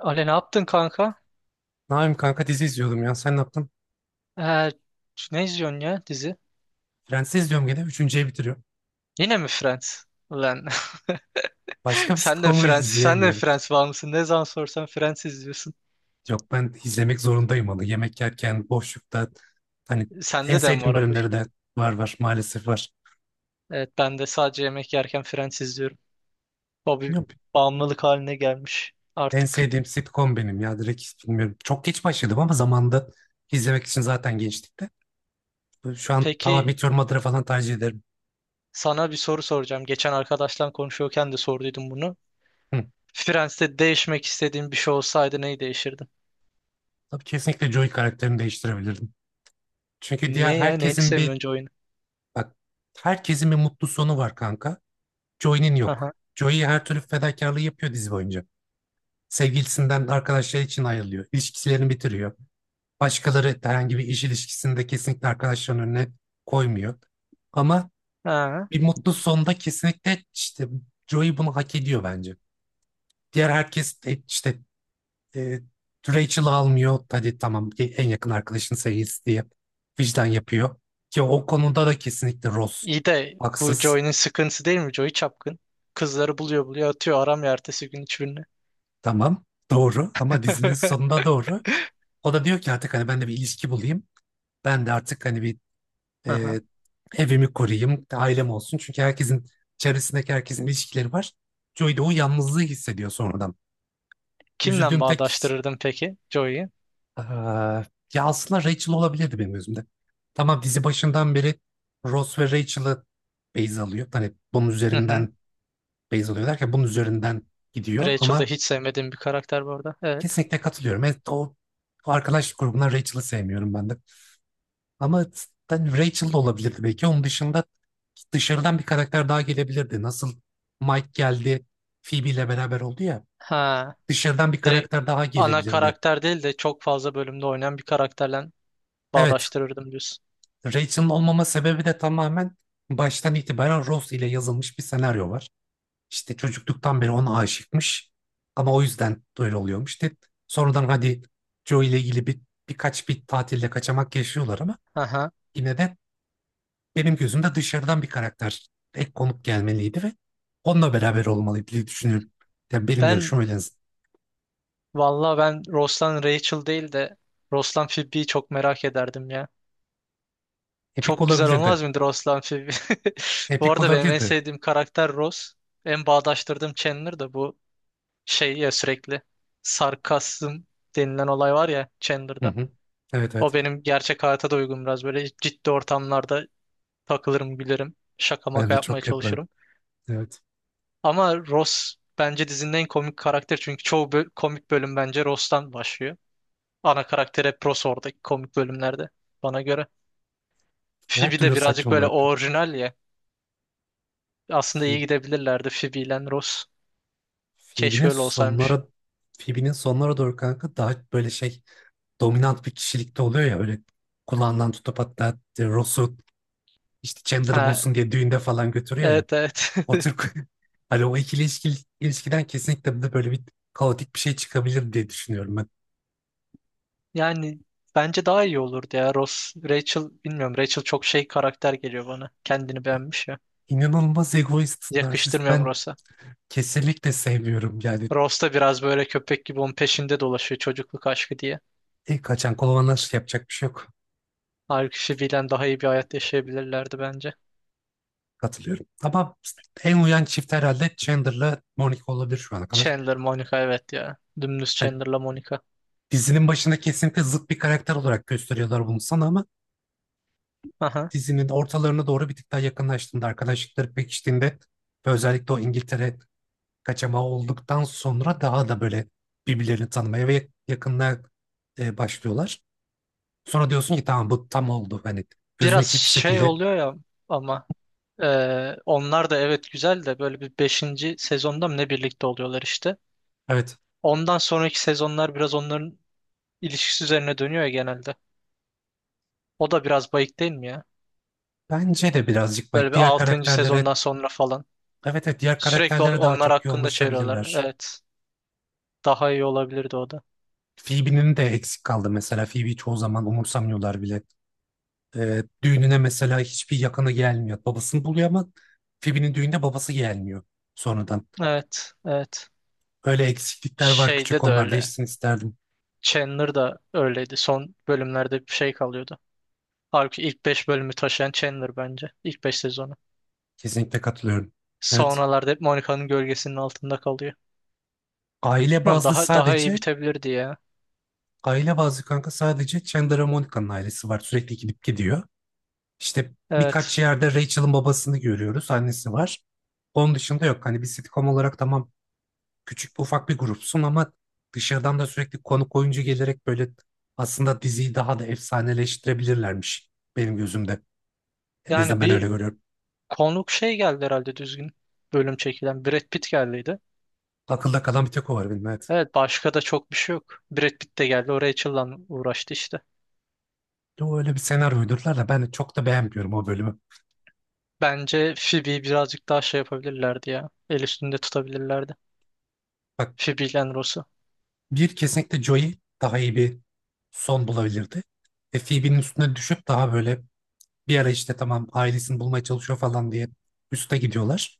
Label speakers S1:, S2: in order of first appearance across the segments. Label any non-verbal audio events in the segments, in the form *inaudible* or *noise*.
S1: Ale ne yaptın kanka?
S2: Naim kanka dizi izliyordum ya. Sen ne yaptın?
S1: Ee, Ne izliyorsun ya dizi?
S2: Friends'i izliyorum gene. Üçüncüye bitiriyorum.
S1: Yine mi Friends? Ulan *laughs*
S2: Başka bir
S1: sen de
S2: sitcom'u
S1: Friends, sen de
S2: izleyemiyorum.
S1: Friends bağımlısın. Ne zaman sorsan Friends izliyorsun.
S2: Yok, ben izlemek zorundayım onu. Yemek yerken, boşlukta. Hani en
S1: Sende de mi
S2: sevdiğim
S1: var o huy?
S2: bölümleri de var var. Maalesef var.
S1: Evet ben de sadece yemek yerken Friends izliyorum. O bir
S2: Bilmiyorum.
S1: bağımlılık haline gelmiş
S2: En
S1: artık.
S2: sevdiğim sitcom benim ya. Direkt bilmiyorum. Çok geç başladım ama zamanda izlemek için zaten gençlikte. Şu an tamam,
S1: Peki
S2: Meteor Mother'ı falan tercih ederim.
S1: sana bir soru soracağım. Geçen arkadaşlar konuşuyorken de sorduydum bunu.
S2: Hı.
S1: Friends'te değişmek istediğin bir şey olsaydı neyi değiştirdin?
S2: Tabii kesinlikle Joey karakterini değiştirebilirdim. Çünkü diğer
S1: Niye ya? Neyini
S2: herkesin bir
S1: sevmiyorsun oyunu?
S2: bak, herkesin bir mutlu sonu var kanka. Joey'nin yok.
S1: Aha.
S2: Joey her türlü fedakarlığı yapıyor dizi boyunca. Sevgilisinden arkadaşları için ayrılıyor. İlişkilerini bitiriyor. Başkaları herhangi bir iş ilişkisinde kesinlikle arkadaşlarının önüne koymuyor. Ama
S1: Ha.
S2: bir mutlu sonda kesinlikle işte Joey bunu hak ediyor bence. Diğer herkes de işte e, Rachel'ı almıyor. Hadi tamam, en yakın arkadaşın sevgilisi diye vicdan yapıyor. Ki o konuda da kesinlikle Ross
S1: İyi de bu
S2: haksız.
S1: Joy'un sıkıntısı değil mi? Joy çapkın. Kızları buluyor buluyor atıyor aramıyor ertesi gün hiçbirini.
S2: Tamam doğru, ama dizinin
S1: *laughs*
S2: sonunda doğru. O da diyor ki artık hani ben de bir ilişki bulayım. Ben de artık hani bir
S1: Aha.
S2: e, evimi koruyayım, ailem olsun. Çünkü herkesin, çevresindeki herkesin ilişkileri var. Joey de o yalnızlığı hissediyor sonradan.
S1: Kimle
S2: Üzüldüğüm tek
S1: bağdaştırırdın peki Joey'yi?
S2: Aa, ya aslında Rachel olabilirdi benim gözümde. Tamam, dizi başından beri Ross ve Rachel'ı base alıyor. Hani bunun
S1: Hı hı.
S2: üzerinden base alıyor derken bunun üzerinden gidiyor,
S1: Rachel de
S2: ama
S1: hiç sevmediğim bir karakter bu arada. Evet.
S2: kesinlikle katılıyorum. Evet, o arkadaş grubundan Rachel'ı sevmiyorum ben de. Ama cidden Rachel da olabilirdi belki. Onun dışında dışarıdan bir karakter daha gelebilirdi. Nasıl Mike geldi, Phoebe ile beraber oldu ya.
S1: Ha.
S2: Dışarıdan bir
S1: Direkt
S2: karakter daha
S1: ana
S2: gelebilirdi.
S1: karakter değil de çok fazla bölümde oynayan bir karakterle
S2: Evet,
S1: bağdaştırırdım diyorsun.
S2: Rachel'ın olmama sebebi de tamamen baştan itibaren Ross ile yazılmış bir senaryo var. İşte çocukluktan beri ona aşıkmış. Ama o yüzden öyle oluyormuş. De sonradan hadi Joe ile ilgili birkaç bir tatilde kaçamak yaşıyorlar, ama
S1: Aha.
S2: yine de benim gözümde dışarıdan bir karakter, ek konuk gelmeliydi ve onunla beraber olmalıydı diye düşünüyorum. Yani benim
S1: Ben
S2: görüşüm öyle.
S1: Valla ben Ross'tan Rachel değil de Ross'tan Phoebe'yi çok merak ederdim ya.
S2: Epik
S1: Çok güzel
S2: olabilirdi.
S1: olmaz mıdır Roslan filmi? *laughs* Bu
S2: Epik
S1: arada benim en
S2: olabilirdi.
S1: sevdiğim karakter Ross. En bağdaştırdığım Chandler da bu şey ya, sürekli sarkasm denilen olay var ya
S2: Hı
S1: Chandler'da.
S2: hı. Evet
S1: O
S2: evet.
S1: benim gerçek hayata da uygun, biraz böyle ciddi ortamlarda takılırım, gülerim. Şaka
S2: Ben
S1: maka
S2: de
S1: yapmaya
S2: çok yaparım.
S1: çalışırım.
S2: Evet.
S1: Ama Ross bence dizinin en komik karakter, çünkü çoğu komik bölüm bence Ross'tan başlıyor. Ana karakter hep Ross oradaki komik bölümlerde, bana göre.
S2: Her
S1: Phoebe de
S2: türlü
S1: birazcık
S2: saçmalığı
S1: böyle
S2: yapıyorum.
S1: orijinal ya. Aslında iyi
S2: Phoebe-
S1: gidebilirlerdi Phoebe ile Ross.
S2: Phoebe'nin
S1: Keşke öyle olsaymış.
S2: sonlara Phoebe'nin sonlara doğru kanka daha böyle şey, dominant bir kişilikte oluyor ya, öyle kulağından tutup hatta Ross'u işte Chandler'ı
S1: Ha,
S2: bulsun diye düğünde falan götürüyor ya.
S1: evet evet.
S2: O
S1: *laughs*
S2: Türk *laughs* hani o ilişkiden kesinlikle de böyle bir kaotik bir şey çıkabilir diye düşünüyorum ben.
S1: Yani bence daha iyi olurdu ya. Ross, Rachel bilmiyorum. Rachel çok şey karakter geliyor bana. Kendini beğenmiş ya.
S2: İnanılmaz egoist, narsist,
S1: Yakıştırmıyorum
S2: ben
S1: Ross'a.
S2: kesinlikle sevmiyorum. Yani
S1: Ross da biraz böyle köpek gibi onun peşinde dolaşıyor, çocukluk aşkı diye.
S2: kaçan kolonlar yapacak bir şey yok.
S1: Halbuki Phoebe ile daha iyi bir hayat yaşayabilirlerdi bence.
S2: Katılıyorum. Ama en uyan çift herhalde Chandler'la Monica olabilir şu ana kadar.
S1: Chandler, Monica evet ya. Dümdüz
S2: Hani
S1: Chandler'la Monica.
S2: dizinin başında kesinlikle zıt bir karakter olarak gösteriyorlar bunu sana, ama
S1: Aha.
S2: dizinin ortalarına doğru bir tık daha yakınlaştığında, arkadaşlıkları pekiştiğinde ve özellikle o İngiltere kaçamağı olduktan sonra daha da böyle birbirlerini tanımaya ve yakınlığa başlıyorlar. Sonra diyorsun ki tamam, bu tam oldu. Hani gözüne
S1: Biraz
S2: hiçbir
S1: şey
S2: şekilde
S1: oluyor ya ama onlar da evet, güzel de böyle bir beşinci sezonda mı ne birlikte oluyorlar işte.
S2: evet,
S1: Ondan sonraki sezonlar biraz onların ilişkisi üzerine dönüyor ya genelde. O da biraz bayık değil mi ya?
S2: bence de birazcık
S1: Böyle
S2: bak,
S1: bir
S2: diğer
S1: altıncı
S2: karakterlere,
S1: sezondan sonra falan.
S2: evet evet, diğer
S1: Sürekli
S2: karakterlere daha
S1: onlar
S2: çok
S1: hakkında çeviriyorlar.
S2: yoğunlaşabilirler.
S1: Evet. Daha iyi olabilirdi o da.
S2: Phoebe'nin de eksik kaldı mesela. Phoebe'yi çoğu zaman umursamıyorlar bile. Düğününe mesela hiçbir yakını gelmiyor. Babasını buluyor ama Phoebe'nin düğünde babası gelmiyor sonradan.
S1: Evet. Evet.
S2: Öyle eksiklikler var, küçük
S1: Şeyde de
S2: onlar
S1: öyle.
S2: değişsin isterdim.
S1: Chandler da öyleydi. Son bölümlerde bir şey kalıyordu. Halbuki ilk 5 bölümü taşıyan Chandler bence. İlk 5 sezonu.
S2: Kesinlikle katılıyorum. Evet.
S1: Sonralarda hep Monica'nın gölgesinin altında kalıyor.
S2: Aile
S1: Bilmiyorum,
S2: bazlı
S1: daha iyi
S2: sadece,
S1: bitebilirdi ya.
S2: aile bazlı kanka sadece Chandler Monica'nın ailesi var. Sürekli gidip gidiyor. İşte
S1: Evet.
S2: birkaç yerde Rachel'ın babasını görüyoruz. Annesi var. Onun dışında yok. Hani bir sitcom olarak tamam, küçük bir ufak bir grupsun ama dışarıdan da sürekli konuk oyuncu gelerek böyle aslında diziyi daha da efsaneleştirebilirlermiş benim gözümde. En azından
S1: Yani
S2: ben öyle
S1: bir
S2: görüyorum.
S1: konuk şey geldi herhalde düzgün bölüm çekilen. Brad Pitt geldiydi.
S2: Akılda kalan bir tek o var benim, evet.
S1: Evet, başka da çok bir şey yok. Brad Pitt de geldi. O Rachel'la uğraştı işte.
S2: De o öyle bir senaryo uydurdular, da ben de çok da beğenmiyorum o bölümü.
S1: Bence Phoebe'yi birazcık daha şey yapabilirlerdi ya. El üstünde tutabilirlerdi.
S2: Bak,
S1: Phoebe ile Ross'u.
S2: bir kesinlikle Joey daha iyi bir son bulabilirdi. Ve Phoebe'nin üstüne düşüp daha böyle bir ara işte tamam ailesini bulmaya çalışıyor falan diye üste gidiyorlar.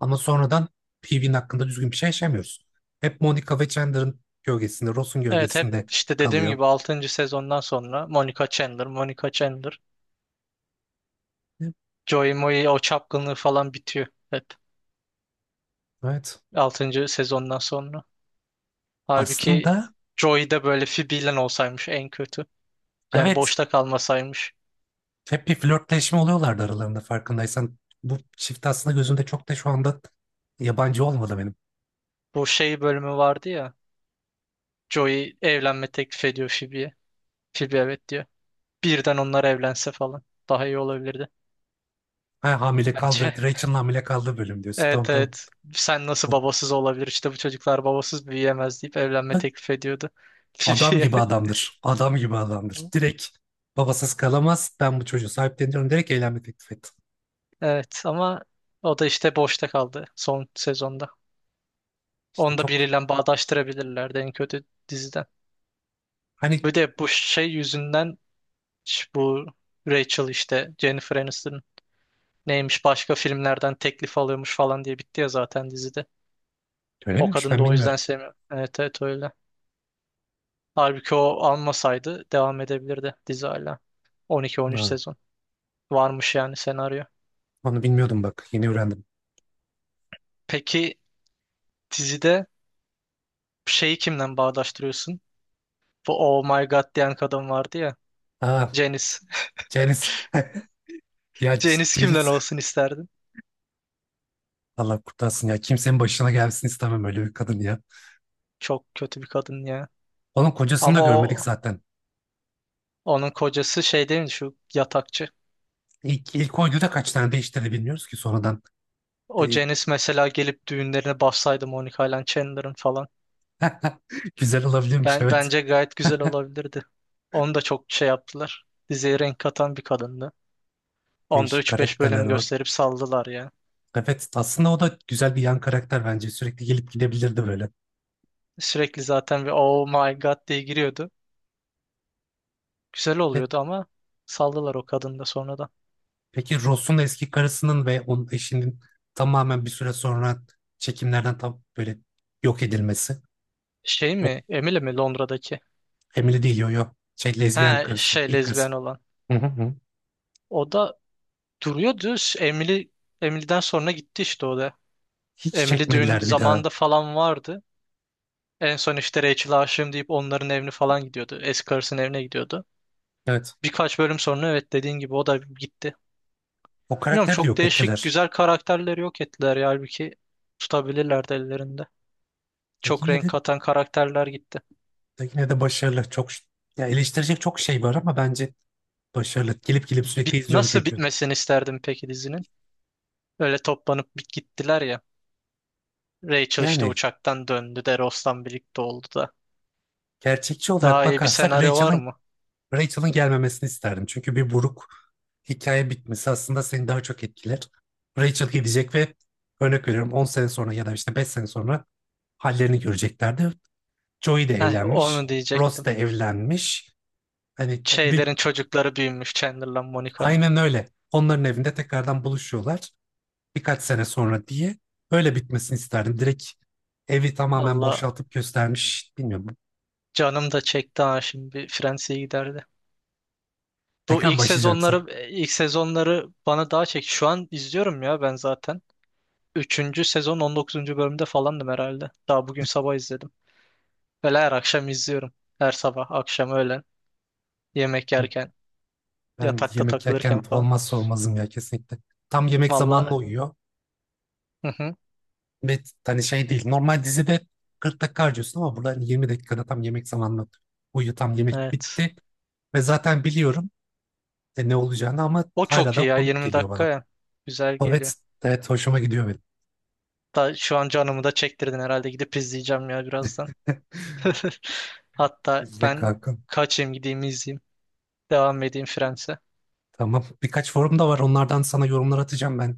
S2: Ama sonradan Phoebe'nin hakkında düzgün bir şey yaşamıyoruz. Hep Monica ve Chandler'ın gölgesinde, Ross'un
S1: Evet, hep
S2: gölgesinde
S1: işte dediğim
S2: kalıyor.
S1: gibi altıncı sezondan sonra Monica Chandler, Monica Chandler. Joey Moe o çapkınlığı falan bitiyor hep
S2: Evet.
S1: altıncı sezondan sonra. Halbuki
S2: Aslında
S1: Joey de böyle Phoebe ile olsaymış, en kötü. Yani
S2: evet.
S1: boşta kalmasaymış.
S2: Hep bir flörtleşme oluyorlardı aralarında farkındaysan. Bu çift aslında gözümde çok da şu anda yabancı olmadı benim.
S1: Bu şey bölümü vardı ya. Joey evlenme teklif ediyor Phoebe'ye. Phoebe evet diyor. Birden onlar evlense falan. Daha iyi olabilirdi
S2: Ha, hamile kaldı.
S1: bence. *laughs*
S2: Rachel'ın hamile kaldığı bölüm diyorsun.
S1: Evet
S2: Tamam
S1: evet. Sen nasıl
S2: tamam.
S1: babasız olabilir? İşte bu çocuklar babasız büyüyemez deyip evlenme teklif ediyordu *laughs*
S2: Adam
S1: Phoebe'ye.
S2: gibi adamdır. Adam gibi adamdır. Direkt babasız kalamaz. Ben bu çocuğu sahipleniyorum. Direkt evlenme teklif ettim.
S1: Evet ama o da işte boşta kaldı son sezonda.
S2: İşte
S1: Onu da
S2: çok
S1: biriyle bağdaştırabilirlerdi en kötü diziden.
S2: hani
S1: Bir de bu şey yüzünden bu Rachel işte, Jennifer Aniston neymiş başka filmlerden teklif alıyormuş falan diye bitti ya zaten dizide.
S2: öyle
S1: O
S2: miymiş,
S1: kadın da
S2: ben
S1: o
S2: bilmiyorum.
S1: yüzden sevmiyor. Evet evet öyle. Halbuki o almasaydı devam edebilirdi dizi hala. 12-13
S2: Ha,
S1: sezon. Varmış yani senaryo.
S2: onu bilmiyordum bak. Yeni öğrendim.
S1: Peki dizide şeyi kimden bağdaştırıyorsun? Bu Oh My God diyen kadın vardı ya.
S2: Aa,
S1: Janice. *laughs*
S2: Janice.
S1: Janice kimden
S2: Janice. *laughs*
S1: olsun isterdin?
S2: Allah kurtarsın ya. Kimsenin başına gelsin istemem öyle bir kadın ya.
S1: Çok kötü bir kadın ya.
S2: Onun kocasını da
S1: Ama
S2: görmedik
S1: o,
S2: zaten.
S1: onun kocası şey değil mi, şu yatakçı.
S2: İlk oyunda kaç tane değişti de bilmiyoruz ki sonradan.
S1: O
S2: E,
S1: Janice mesela gelip düğünlerine bassaydı Monica ile Chandler'ın falan.
S2: Güzel olabilirmiş,
S1: Ben
S2: evet.
S1: bence gayet güzel olabilirdi. Onu da çok şey yaptılar. Diziye renk katan bir kadındı. Onda
S2: Değişik
S1: üç beş
S2: karakterler
S1: bölüm
S2: var.
S1: gösterip saldılar ya.
S2: Evet, aslında o da güzel bir yan karakter bence. Sürekli gelip gidebilirdi böyle.
S1: Sürekli zaten bir oh my god diye giriyordu. Güzel
S2: Ve
S1: oluyordu ama saldılar o kadını da sonradan.
S2: Peki Ross'un eski karısının ve onun eşinin tamamen bir süre sonra çekimlerden tam böyle yok edilmesi.
S1: Şey
S2: O
S1: mi? Emily mi, Londra'daki?
S2: Emily değil, yo yo. Şey, lezbiyen
S1: He
S2: karısı,
S1: şey,
S2: ilk karısı.
S1: lezbiyen olan.
S2: Hı hı hı.
S1: O da duruyordu. Emily'den sonra gitti işte o da.
S2: Hiç
S1: Emily düğün
S2: çekmediler bir daha.
S1: zamanında falan vardı. En son işte Rachel'a aşığım deyip onların evine falan gidiyordu. Eski karısının evine gidiyordu.
S2: Evet.
S1: Birkaç bölüm sonra evet, dediğin gibi o da gitti.
S2: O
S1: Bilmiyorum,
S2: karakteri de
S1: çok
S2: yok
S1: değişik
S2: ettiler.
S1: güzel karakterleri yok ettiler ya, halbuki tutabilirlerdi ellerinde.
S2: De
S1: Çok
S2: yine
S1: renk
S2: de,
S1: katan karakterler gitti.
S2: de yine de başarılı. Ya eleştirecek çok şey var ama bence başarılı. Gelip gelip sürekli izliyorum
S1: Nasıl
S2: çünkü.
S1: bitmesini isterdim peki dizinin? Öyle toplanıp gittiler ya. Rachel işte
S2: Yani
S1: uçaktan döndü de Ross'tan birlikte oldu da.
S2: gerçekçi olarak
S1: Daha iyi bir
S2: bakarsak
S1: senaryo var mı?
S2: Rachel'ın gelmemesini isterdim. Çünkü bir buruk hikaye bitmesi aslında seni daha çok etkiler. Rachel gidecek ve örnek veriyorum 10 sene sonra ya da işte 5 sene sonra hallerini göreceklerdi. Joey de
S1: Heh, onu
S2: evlenmiş, Ross
S1: diyecektim.
S2: da evlenmiş. Bir,
S1: Şeylerin çocukları büyümüş Chandler'la Monica'nın.
S2: aynen öyle. Onların evinde tekrardan buluşuyorlar birkaç sene sonra diye. Öyle bitmesini isterdim. Direkt evi tamamen
S1: Allah
S2: boşaltıp göstermiş. Bilmiyorum.
S1: canım da çekti ha, şimdi bir Fransa'ya giderdi. Bu
S2: Tekrar mı başlayacak yoksa?
S1: ilk sezonları bana daha çek. Şu an izliyorum ya ben zaten. Üçüncü sezon 19. bölümde falandım herhalde. Daha bugün sabah izledim. Böyle her akşam izliyorum. Her sabah, akşam, öğlen, yemek yerken,
S2: Ben
S1: yatakta
S2: yemek
S1: takılırken
S2: yerken
S1: falan.
S2: olmazsa olmazım ya kesinlikle. Tam yemek zamanına
S1: Valla,
S2: uyuyor.
S1: hı hı,
S2: Ve hani şey değil. Normal dizide 40 dakika harcıyorsun ama burada hani 20 dakikada tam yemek zamanına uyuyor. Tam yemek
S1: evet.
S2: bitti. Ve zaten biliyorum ne olacağını ama
S1: O
S2: hala
S1: çok
S2: da
S1: iyi ya,
S2: komik
S1: Yirmi
S2: geliyor
S1: dakika
S2: bana.
S1: ya. Güzel geliyor.
S2: Evet, evet hoşuma gidiyor benim.
S1: Da, şu an canımı da çektirdin herhalde. Gidip izleyeceğim ya birazdan. *laughs*
S2: *laughs*
S1: Hatta
S2: İzle
S1: ben
S2: kankam.
S1: kaçayım, gideyim, izleyeyim. Devam edeyim Friends'e.
S2: Tamam. Birkaç forum da var. Onlardan sana yorumlar atacağım ben.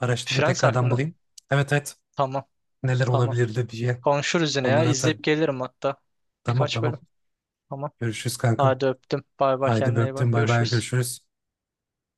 S2: Araştırayım,
S1: Friends
S2: tekrardan
S1: hakkında.
S2: bulayım. Evet evet.
S1: Tamam.
S2: Neler
S1: Tamam.
S2: olabilirdi diye.
S1: Konuşuruz yine ya.
S2: Onları atarım.
S1: İzleyip gelirim hatta.
S2: Tamam
S1: Birkaç bölüm.
S2: tamam.
S1: Ama
S2: Görüşürüz kankam.
S1: Hadi öptüm. Bay bay,
S2: Haydi
S1: kendine iyi
S2: öptüm.
S1: bak.
S2: Bay bay.
S1: Görüşürüz.
S2: Görüşürüz.